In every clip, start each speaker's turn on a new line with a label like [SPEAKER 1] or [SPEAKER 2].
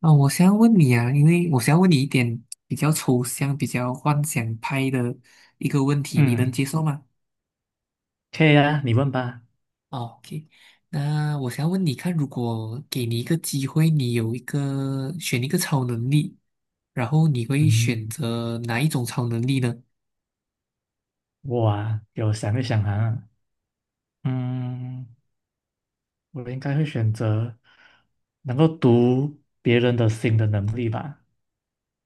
[SPEAKER 1] 啊，我想要问你啊，因为我想要问你一点比较抽象、比较幻想派的一个问题，你能
[SPEAKER 2] 嗯，
[SPEAKER 1] 接受吗？
[SPEAKER 2] 可以啊，你问吧。
[SPEAKER 1] 哦，OK，那我想要问你看，如果给你一个机会，你有一个选一个超能力，然后你会选
[SPEAKER 2] 嗯，
[SPEAKER 1] 择哪一种超能力呢？
[SPEAKER 2] 我啊，有想一想啊，嗯，我应该会选择能够读别人的心的能力吧。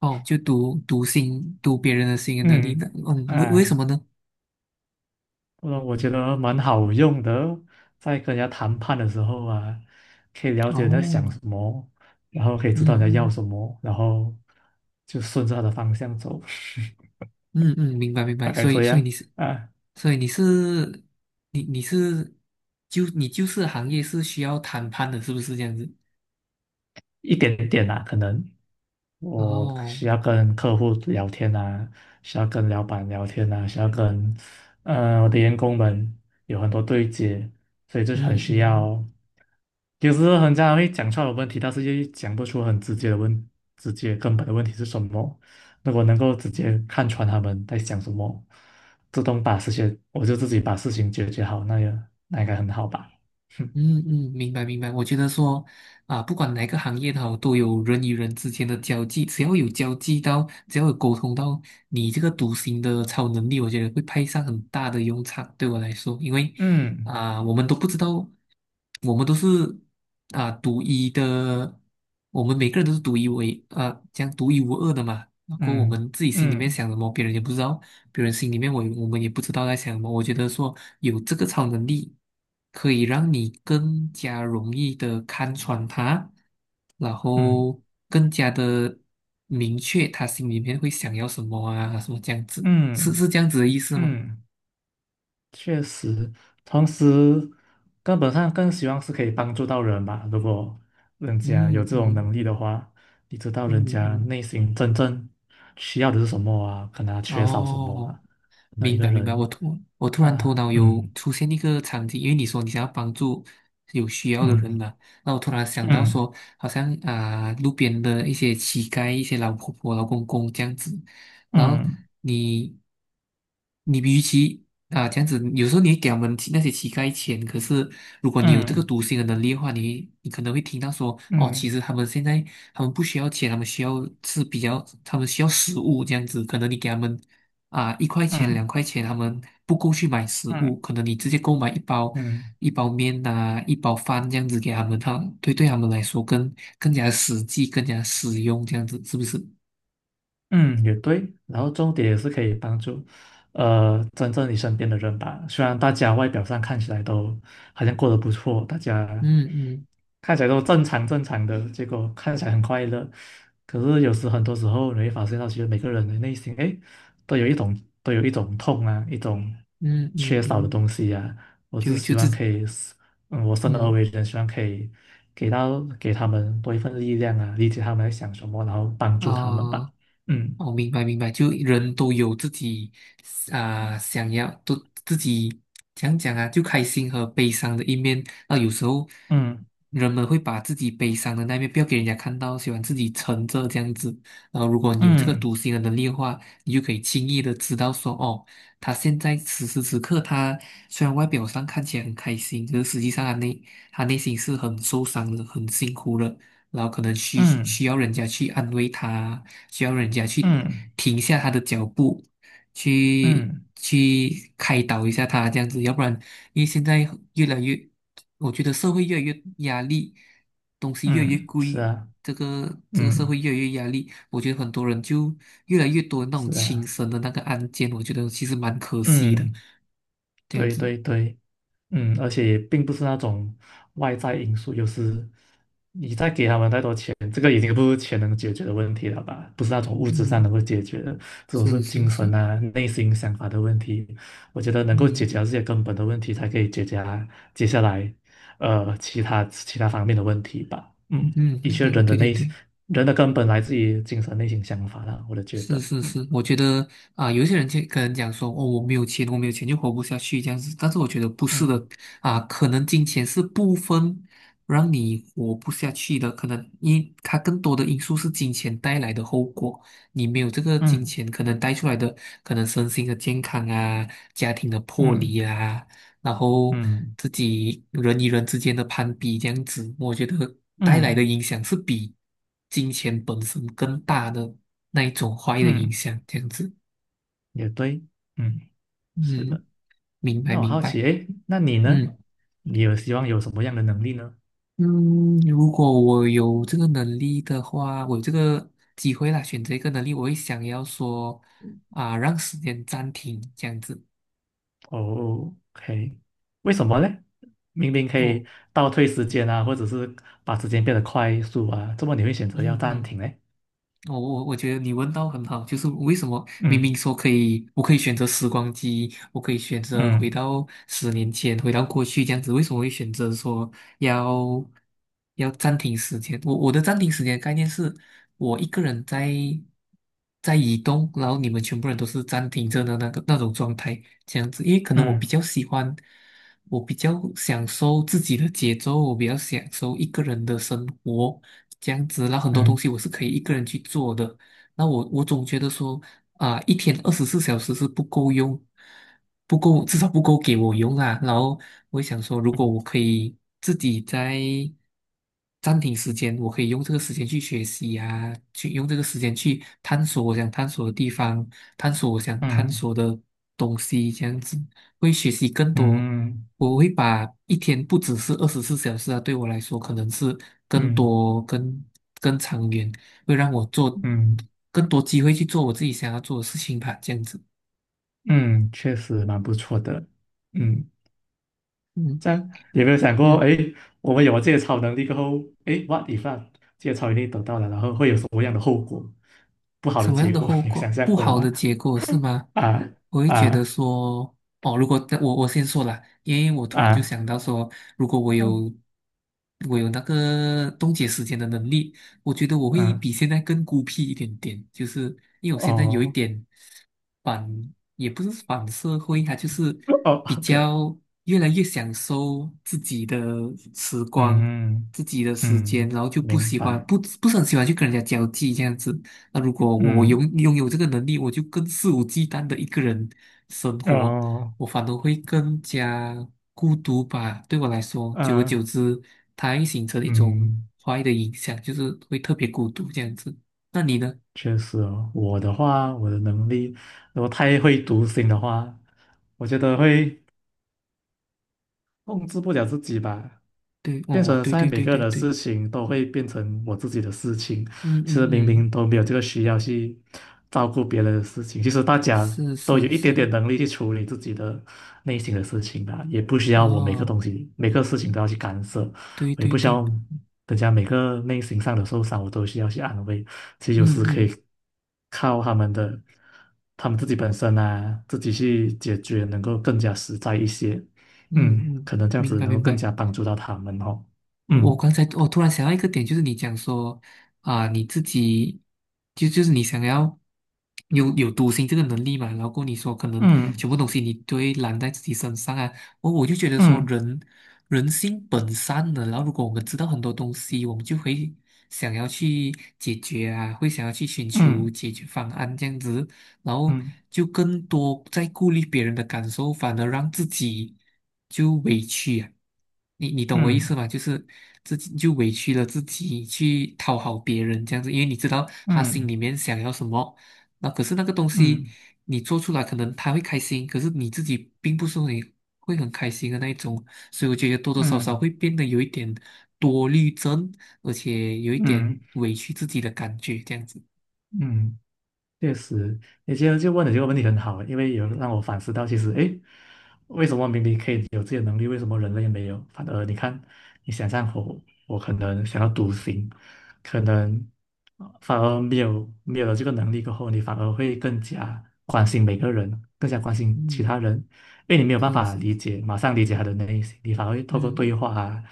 [SPEAKER 1] 哦，就读心、读别人的心的能力
[SPEAKER 2] 嗯，
[SPEAKER 1] 呢？嗯，为什
[SPEAKER 2] 啊，
[SPEAKER 1] 么呢？
[SPEAKER 2] 我觉得蛮好用的哦，在跟人家谈判的时候啊，可以了解人家
[SPEAKER 1] 哦，
[SPEAKER 2] 想什么，然后可以
[SPEAKER 1] 嗯
[SPEAKER 2] 知道人家要
[SPEAKER 1] 嗯
[SPEAKER 2] 什么，然后就顺着他的方向走，
[SPEAKER 1] 嗯嗯，明白明 白，
[SPEAKER 2] 大概
[SPEAKER 1] 所以
[SPEAKER 2] 这
[SPEAKER 1] 所以
[SPEAKER 2] 样
[SPEAKER 1] 你是，
[SPEAKER 2] 啊，
[SPEAKER 1] 所以你是你你是就你就是行业是需要谈判的，是不是这样子？
[SPEAKER 2] 一点点啊，可能。
[SPEAKER 1] 然
[SPEAKER 2] 我
[SPEAKER 1] 后，
[SPEAKER 2] 需要跟客户聊天啊，需要跟老板聊天啊，需要跟我的员工们有很多对接，所以就是
[SPEAKER 1] 嗯
[SPEAKER 2] 很需
[SPEAKER 1] 嗯
[SPEAKER 2] 要。有时候很常会讲出来的问题，但是又讲不出很直接的问，直接根本的问题是什么。如果能够直接看穿他们在想什么，自动把事情，我就自己把事情解决好，那应该很好吧。
[SPEAKER 1] 嗯嗯，明白明白。我觉得说啊，不管哪个行业它都有人与人之间的交际，只要有交际到，只要有沟通到，你这个独行的超能力，我觉得会派上很大的用场。对我来说，因为
[SPEAKER 2] 嗯
[SPEAKER 1] 啊、我们都不知道，我们都是啊、独一的，我们每个人都是独一无二啊、这样独一无二的嘛。然后我
[SPEAKER 2] 嗯
[SPEAKER 1] 们自己心里面
[SPEAKER 2] 嗯
[SPEAKER 1] 想什么，别人也不知道，别人心里面我们也不知道在想什么。我觉得说有这个超能力，可以让你更加容易的看穿他，然
[SPEAKER 2] 嗯
[SPEAKER 1] 后更加的明确他心里面会想要什么啊，什么这样子，
[SPEAKER 2] 嗯
[SPEAKER 1] 是
[SPEAKER 2] 嗯
[SPEAKER 1] 是这样子的意思吗？
[SPEAKER 2] 嗯。确实，同时根本上更希望是可以帮助到人吧。如果人家有
[SPEAKER 1] 嗯
[SPEAKER 2] 这种
[SPEAKER 1] 嗯
[SPEAKER 2] 能力的话，你知道人
[SPEAKER 1] 嗯
[SPEAKER 2] 家
[SPEAKER 1] 嗯。
[SPEAKER 2] 内心真正需要的是什么啊？可能他缺少什么
[SPEAKER 1] 哦，
[SPEAKER 2] 啊？可能一
[SPEAKER 1] 明
[SPEAKER 2] 个
[SPEAKER 1] 白明白，我
[SPEAKER 2] 人
[SPEAKER 1] 突我突然头
[SPEAKER 2] 啊，
[SPEAKER 1] 脑有
[SPEAKER 2] 嗯
[SPEAKER 1] 出现一个场景，因为你说你想要帮助有需要的人
[SPEAKER 2] 嗯
[SPEAKER 1] 嘛，那我突然想到
[SPEAKER 2] 嗯
[SPEAKER 1] 说，好像啊、路边的一些乞丐、一些老婆婆、老公公这样子，然后
[SPEAKER 2] 嗯
[SPEAKER 1] 你你与其啊、这样子，有时候你会给他们那些乞丐钱，可是如果你有这个
[SPEAKER 2] 嗯
[SPEAKER 1] 读心的能力的话，你可能会听到说，哦，其
[SPEAKER 2] 嗯
[SPEAKER 1] 实他们现在他们不需要钱，他们需要是比较，他们需要食物这样子，可能你给他们啊，一块
[SPEAKER 2] 嗯
[SPEAKER 1] 钱、两
[SPEAKER 2] 嗯
[SPEAKER 1] 块钱，他们不够去买食
[SPEAKER 2] 嗯
[SPEAKER 1] 物，
[SPEAKER 2] 嗯
[SPEAKER 1] 可能你直接购买一包
[SPEAKER 2] 嗯。
[SPEAKER 1] 面呐、一包饭这样子给他们，对他们来说更加实际、更加实用，这样子是不是？
[SPEAKER 2] 嗯，也对，然后重点也是可以帮助，真正你身边的人吧。虽然大家外表上看起来都好像过得不错，大
[SPEAKER 1] 嗯
[SPEAKER 2] 家
[SPEAKER 1] 嗯
[SPEAKER 2] 看起来都正常正常的，结果看起来很快乐。可是有时很多时候你会发现到，其实每个人的内心，哎，都有一种痛啊，一种
[SPEAKER 1] 嗯
[SPEAKER 2] 缺
[SPEAKER 1] 嗯
[SPEAKER 2] 少的
[SPEAKER 1] 嗯，
[SPEAKER 2] 东西啊。我只
[SPEAKER 1] 就就
[SPEAKER 2] 希
[SPEAKER 1] 这
[SPEAKER 2] 望可以，我生而
[SPEAKER 1] 嗯
[SPEAKER 2] 为人，希望可以给他们多一份力量啊，理解他们在想什么，然后帮
[SPEAKER 1] 啊。
[SPEAKER 2] 助他们吧。
[SPEAKER 1] 呃
[SPEAKER 2] 嗯
[SPEAKER 1] 哦，明白明白，就人都有自己啊、想要都自己讲讲啊，就开心和悲伤的一面。那有时候
[SPEAKER 2] 嗯
[SPEAKER 1] 人们会把自己悲伤的那一面不要给人家看到，喜欢自己沉着这样子。然后，如果你有这个
[SPEAKER 2] 嗯
[SPEAKER 1] 读心的能力的话，你就可以轻易的知道说，哦，他现在此时此刻，他虽然外表上看起来很开心，可是实际上他内心是很受伤的，很辛苦的。然后可能需需
[SPEAKER 2] 嗯
[SPEAKER 1] 要人家去安慰他，需要人家去
[SPEAKER 2] 嗯
[SPEAKER 1] 停下他的脚步，去
[SPEAKER 2] 嗯
[SPEAKER 1] 去开导一下他这样子，要不然，因为现在越来越，我觉得社会越来越压力，东西越来越
[SPEAKER 2] 嗯，是
[SPEAKER 1] 贵，
[SPEAKER 2] 啊，
[SPEAKER 1] 这个社
[SPEAKER 2] 嗯
[SPEAKER 1] 会越来越压力，我觉得很多人就越来越多那种
[SPEAKER 2] 是
[SPEAKER 1] 轻
[SPEAKER 2] 啊，
[SPEAKER 1] 生的那个案件，我觉得其实蛮可惜的，
[SPEAKER 2] 嗯，
[SPEAKER 1] 这样
[SPEAKER 2] 对
[SPEAKER 1] 子，
[SPEAKER 2] 对对。嗯，而且也并不是那种外在因素，有是你再给他们太多钱，这个已经不是钱能解决的问题了吧？不是那种物质上
[SPEAKER 1] 嗯，
[SPEAKER 2] 能够解决的，这种是
[SPEAKER 1] 是是
[SPEAKER 2] 精神
[SPEAKER 1] 是，
[SPEAKER 2] 啊、内心想法的问题。我觉得能够解
[SPEAKER 1] 嗯
[SPEAKER 2] 决这些根本的问题，才可以解决啊接下来其他方面的问题吧。嗯，
[SPEAKER 1] 嗯，
[SPEAKER 2] 的确，
[SPEAKER 1] 我对对对。
[SPEAKER 2] 人的根本来自于精神内心想法啦，我的觉
[SPEAKER 1] 是
[SPEAKER 2] 得，
[SPEAKER 1] 是
[SPEAKER 2] 嗯
[SPEAKER 1] 是，我觉得啊、有一些人就可能讲说，哦，我没有钱，我没有钱就活不下去这样子。但是我觉得不是
[SPEAKER 2] 嗯
[SPEAKER 1] 的啊、可能金钱是部分让你活不下去的，可能因它更多的因素是金钱带来的后果。你没有这个金
[SPEAKER 2] 嗯
[SPEAKER 1] 钱，可能带出来的可能身心的健康啊，家庭的破离
[SPEAKER 2] 嗯
[SPEAKER 1] 啊，然后
[SPEAKER 2] 嗯
[SPEAKER 1] 自己人与人之间的攀比这样子，我觉得带来
[SPEAKER 2] 嗯
[SPEAKER 1] 的影响是比金钱本身更大的那一种坏的影
[SPEAKER 2] 嗯，
[SPEAKER 1] 响，这样子。
[SPEAKER 2] 也对。嗯。是的，
[SPEAKER 1] 嗯，明白
[SPEAKER 2] 那我
[SPEAKER 1] 明
[SPEAKER 2] 好
[SPEAKER 1] 白。
[SPEAKER 2] 奇，诶，那你呢？
[SPEAKER 1] 嗯
[SPEAKER 2] 你有希望有什么样的能力呢？
[SPEAKER 1] 嗯，如果我有这个能力的话，我有这个机会啦，选择一个能力，我会想要说啊，让时间暂停这样子，
[SPEAKER 2] 哦，OK，为什么呢？明明可
[SPEAKER 1] 因为我
[SPEAKER 2] 以倒退时间啊，或者是把时间变得快速啊，怎么你会选择要
[SPEAKER 1] 嗯
[SPEAKER 2] 暂
[SPEAKER 1] 嗯。
[SPEAKER 2] 停呢？
[SPEAKER 1] 我觉得你问到很好，就是为什么明明
[SPEAKER 2] 嗯
[SPEAKER 1] 说可以，我可以选择时光机，我可以选择回
[SPEAKER 2] 嗯
[SPEAKER 1] 到10年前，回到过去这样子，为什么会选择说要暂停时间？我的暂停时间概念是，我一个人在移动，然后你们全部人都是暂停着的那种状态，这样子，因为可能我比
[SPEAKER 2] 嗯
[SPEAKER 1] 较喜欢，我比较享受自己的节奏，我比较享受一个人的生活。这样子，那很多东
[SPEAKER 2] 嗯
[SPEAKER 1] 西我是可以一个人去做的。那我总觉得说啊、一天二十四小时是不够用，不够，至少不够给我用啊。然后我想说，如果
[SPEAKER 2] 嗯
[SPEAKER 1] 我可以自己在暂停时间，我可以用这个时间去学习啊，去用这个时间去探索我想探索的地方，探索我想探
[SPEAKER 2] 嗯
[SPEAKER 1] 索的东西，这样子会学习更
[SPEAKER 2] 嗯
[SPEAKER 1] 多。
[SPEAKER 2] 嗯
[SPEAKER 1] 我会把一天不只是二十四小时啊，对我来说可能是更
[SPEAKER 2] 嗯
[SPEAKER 1] 多、更长远，会让我做
[SPEAKER 2] 嗯，
[SPEAKER 1] 更多机会去做我自己想要做的事情吧，这样子。
[SPEAKER 2] 嗯确实蛮不错的。嗯。
[SPEAKER 1] 嗯
[SPEAKER 2] 这样有没有想过，
[SPEAKER 1] 嗯，
[SPEAKER 2] 哎，我们有了这些超能力过后，哎，what if 啊，这些超能力得到了，然后会有什么样的后果？不好的
[SPEAKER 1] 什么样
[SPEAKER 2] 结
[SPEAKER 1] 的
[SPEAKER 2] 果，
[SPEAKER 1] 后
[SPEAKER 2] 你有想
[SPEAKER 1] 果？
[SPEAKER 2] 象
[SPEAKER 1] 不
[SPEAKER 2] 过
[SPEAKER 1] 好
[SPEAKER 2] 吗？
[SPEAKER 1] 的结果是吗？
[SPEAKER 2] 啊
[SPEAKER 1] 我会觉得
[SPEAKER 2] 啊
[SPEAKER 1] 说，哦，如果我先说了，因为我突然就
[SPEAKER 2] 啊，
[SPEAKER 1] 想到说，如果我
[SPEAKER 2] 嗯
[SPEAKER 1] 有我有那个冻结时间的能力，我觉得我会
[SPEAKER 2] 嗯，
[SPEAKER 1] 比现在更孤僻一点点，就是因为我现在有一
[SPEAKER 2] 哦
[SPEAKER 1] 点。反，也不是反社会，他就是
[SPEAKER 2] 哦
[SPEAKER 1] 比
[SPEAKER 2] ，OK，
[SPEAKER 1] 较越来越享受自己的时光、
[SPEAKER 2] 嗯
[SPEAKER 1] 自己的时间，
[SPEAKER 2] 嗯，
[SPEAKER 1] 然后就不
[SPEAKER 2] 明
[SPEAKER 1] 喜欢，
[SPEAKER 2] 白，
[SPEAKER 1] 不是很喜欢去跟人家交际这样子。那如果我
[SPEAKER 2] 嗯
[SPEAKER 1] 拥有这个能力，我就更肆无忌惮的一个人生活，
[SPEAKER 2] 哦
[SPEAKER 1] 我反而会更加孤独吧。对我来说，久而久
[SPEAKER 2] 啊
[SPEAKER 1] 之，它会形成一种
[SPEAKER 2] 嗯，
[SPEAKER 1] 坏的影响，就是会特别孤独这样子。那你呢？
[SPEAKER 2] 确实哦，我的话，我的能力，如果太会读心的话，我觉得会控制不了自己吧。
[SPEAKER 1] 对，
[SPEAKER 2] 变成
[SPEAKER 1] 哦，
[SPEAKER 2] 现
[SPEAKER 1] 对
[SPEAKER 2] 在
[SPEAKER 1] 对
[SPEAKER 2] 每
[SPEAKER 1] 对
[SPEAKER 2] 个人
[SPEAKER 1] 对
[SPEAKER 2] 的
[SPEAKER 1] 对。
[SPEAKER 2] 事情都会变成我自己的事情，
[SPEAKER 1] 嗯
[SPEAKER 2] 其
[SPEAKER 1] 嗯
[SPEAKER 2] 实明
[SPEAKER 1] 嗯，
[SPEAKER 2] 明都没有这个需要去照顾别人的事情，其实大家
[SPEAKER 1] 是
[SPEAKER 2] 都有
[SPEAKER 1] 是
[SPEAKER 2] 一点
[SPEAKER 1] 是，
[SPEAKER 2] 点能力去处理自己的内心的事情吧，也不需要我每个
[SPEAKER 1] 哦，
[SPEAKER 2] 东西每个事情都要去干涉，
[SPEAKER 1] 对
[SPEAKER 2] 我也
[SPEAKER 1] 对
[SPEAKER 2] 不需
[SPEAKER 1] 对，
[SPEAKER 2] 要人家每个内心上的受伤我都需要去安慰，其实
[SPEAKER 1] 嗯
[SPEAKER 2] 有时可以
[SPEAKER 1] 嗯
[SPEAKER 2] 靠他们自己本身啊，自己去解决，能够更加实在一些。
[SPEAKER 1] 嗯
[SPEAKER 2] 嗯，
[SPEAKER 1] 嗯，
[SPEAKER 2] 可能这样
[SPEAKER 1] 明
[SPEAKER 2] 子
[SPEAKER 1] 白
[SPEAKER 2] 能够
[SPEAKER 1] 明
[SPEAKER 2] 更
[SPEAKER 1] 白。
[SPEAKER 2] 加帮助到他们哦。
[SPEAKER 1] 我
[SPEAKER 2] 嗯
[SPEAKER 1] 刚才我突然想到一个点，就是你讲说啊、你自己就是你想要有独行这个能力嘛，然后过后你说可能
[SPEAKER 2] 嗯
[SPEAKER 1] 全部东西你都会揽在自己身上啊，我就觉得说
[SPEAKER 2] 嗯
[SPEAKER 1] 人性本善的，然后如果我们知道很多东西，我们就会想要去解决啊，会想要去寻求
[SPEAKER 2] 嗯
[SPEAKER 1] 解决方案这样子。然后
[SPEAKER 2] 嗯
[SPEAKER 1] 就更多在顾虑别人的感受，反而让自己就委屈啊。你懂我意思
[SPEAKER 2] 嗯
[SPEAKER 1] 吗？就是自己就委屈了自己去讨好别人这样子，因为你知道他心
[SPEAKER 2] 嗯
[SPEAKER 1] 里面想要什么，那可是那个东西
[SPEAKER 2] 嗯
[SPEAKER 1] 你做出来，可能他会开心，可是你自己并不是你会很开心的那一种，所以我觉得多多少
[SPEAKER 2] 嗯
[SPEAKER 1] 少
[SPEAKER 2] 嗯
[SPEAKER 1] 会变得有一点多虑症，而且有一
[SPEAKER 2] 嗯
[SPEAKER 1] 点
[SPEAKER 2] 嗯
[SPEAKER 1] 委屈自己的感觉这样子。
[SPEAKER 2] 嗯确实，你今天就问的这个问题很好，因为有让我反思到，其实，诶，为什么明明可以有这些能力，为什么人类没有？反而你看，你想象我，我可能想要独行，可能反而没有了这个能力过后，你反而会更加关心每个人，更加关心其
[SPEAKER 1] 嗯，
[SPEAKER 2] 他人，因为你没有办
[SPEAKER 1] 是
[SPEAKER 2] 法
[SPEAKER 1] 是，
[SPEAKER 2] 理解，马上理解他的内心，你反而会透过对
[SPEAKER 1] 嗯。
[SPEAKER 2] 话啊，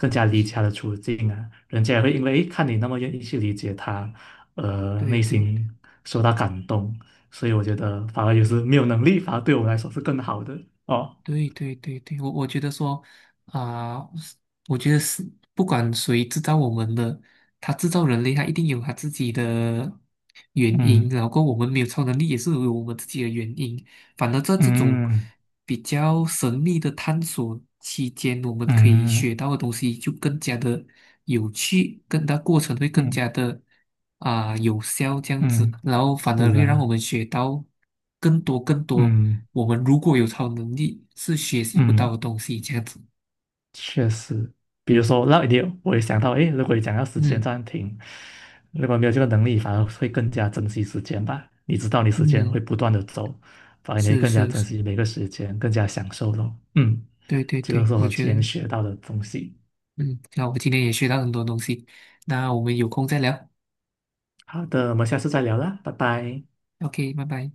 [SPEAKER 2] 更加理解他的处境啊，人家也会因为，诶，看你那么愿意去理解他。
[SPEAKER 1] 对
[SPEAKER 2] 内
[SPEAKER 1] 对
[SPEAKER 2] 心受到感动，所以我觉得反而有时没有能力，反而对我来说是更好的哦。
[SPEAKER 1] 对对对对，我觉得说啊、我觉得是不管谁制造我们的，他制造人类，他一定有他自己的原因，
[SPEAKER 2] 嗯
[SPEAKER 1] 然后我们没有超能力也是有我们自己的原因。反而在这种
[SPEAKER 2] 嗯
[SPEAKER 1] 比较神秘的探索期间，我们可以学
[SPEAKER 2] 嗯
[SPEAKER 1] 到的东西就更加的有趣，它过程会更
[SPEAKER 2] 嗯
[SPEAKER 1] 加的啊、有效这样子，
[SPEAKER 2] 嗯
[SPEAKER 1] 然后反而
[SPEAKER 2] 是
[SPEAKER 1] 会让我
[SPEAKER 2] 啊，
[SPEAKER 1] 们学到更多更多
[SPEAKER 2] 嗯
[SPEAKER 1] 我们如果有超能力是
[SPEAKER 2] 嗯嗯嗯嗯嗯
[SPEAKER 1] 学习不
[SPEAKER 2] 嗯
[SPEAKER 1] 到的东西这样子。
[SPEAKER 2] 确实，比如说那一点我也想到，诶，如果你讲要时间
[SPEAKER 1] 嗯
[SPEAKER 2] 暂停，如果没有这个能力，反而会更加珍惜时间吧。你知道你时间会
[SPEAKER 1] 嗯，
[SPEAKER 2] 不断的走，反而你会
[SPEAKER 1] 是
[SPEAKER 2] 更加
[SPEAKER 1] 是
[SPEAKER 2] 珍
[SPEAKER 1] 是，
[SPEAKER 2] 惜每个时间，更加享受咯。嗯，
[SPEAKER 1] 对对
[SPEAKER 2] 这个
[SPEAKER 1] 对，
[SPEAKER 2] 是
[SPEAKER 1] 我
[SPEAKER 2] 我
[SPEAKER 1] 觉
[SPEAKER 2] 今
[SPEAKER 1] 得
[SPEAKER 2] 天学到的东西。
[SPEAKER 1] 嗯，那我今天也学到很多东西，那我们有空再聊
[SPEAKER 2] 好的，我们下次再聊啦，拜拜。
[SPEAKER 1] ，OK，拜拜。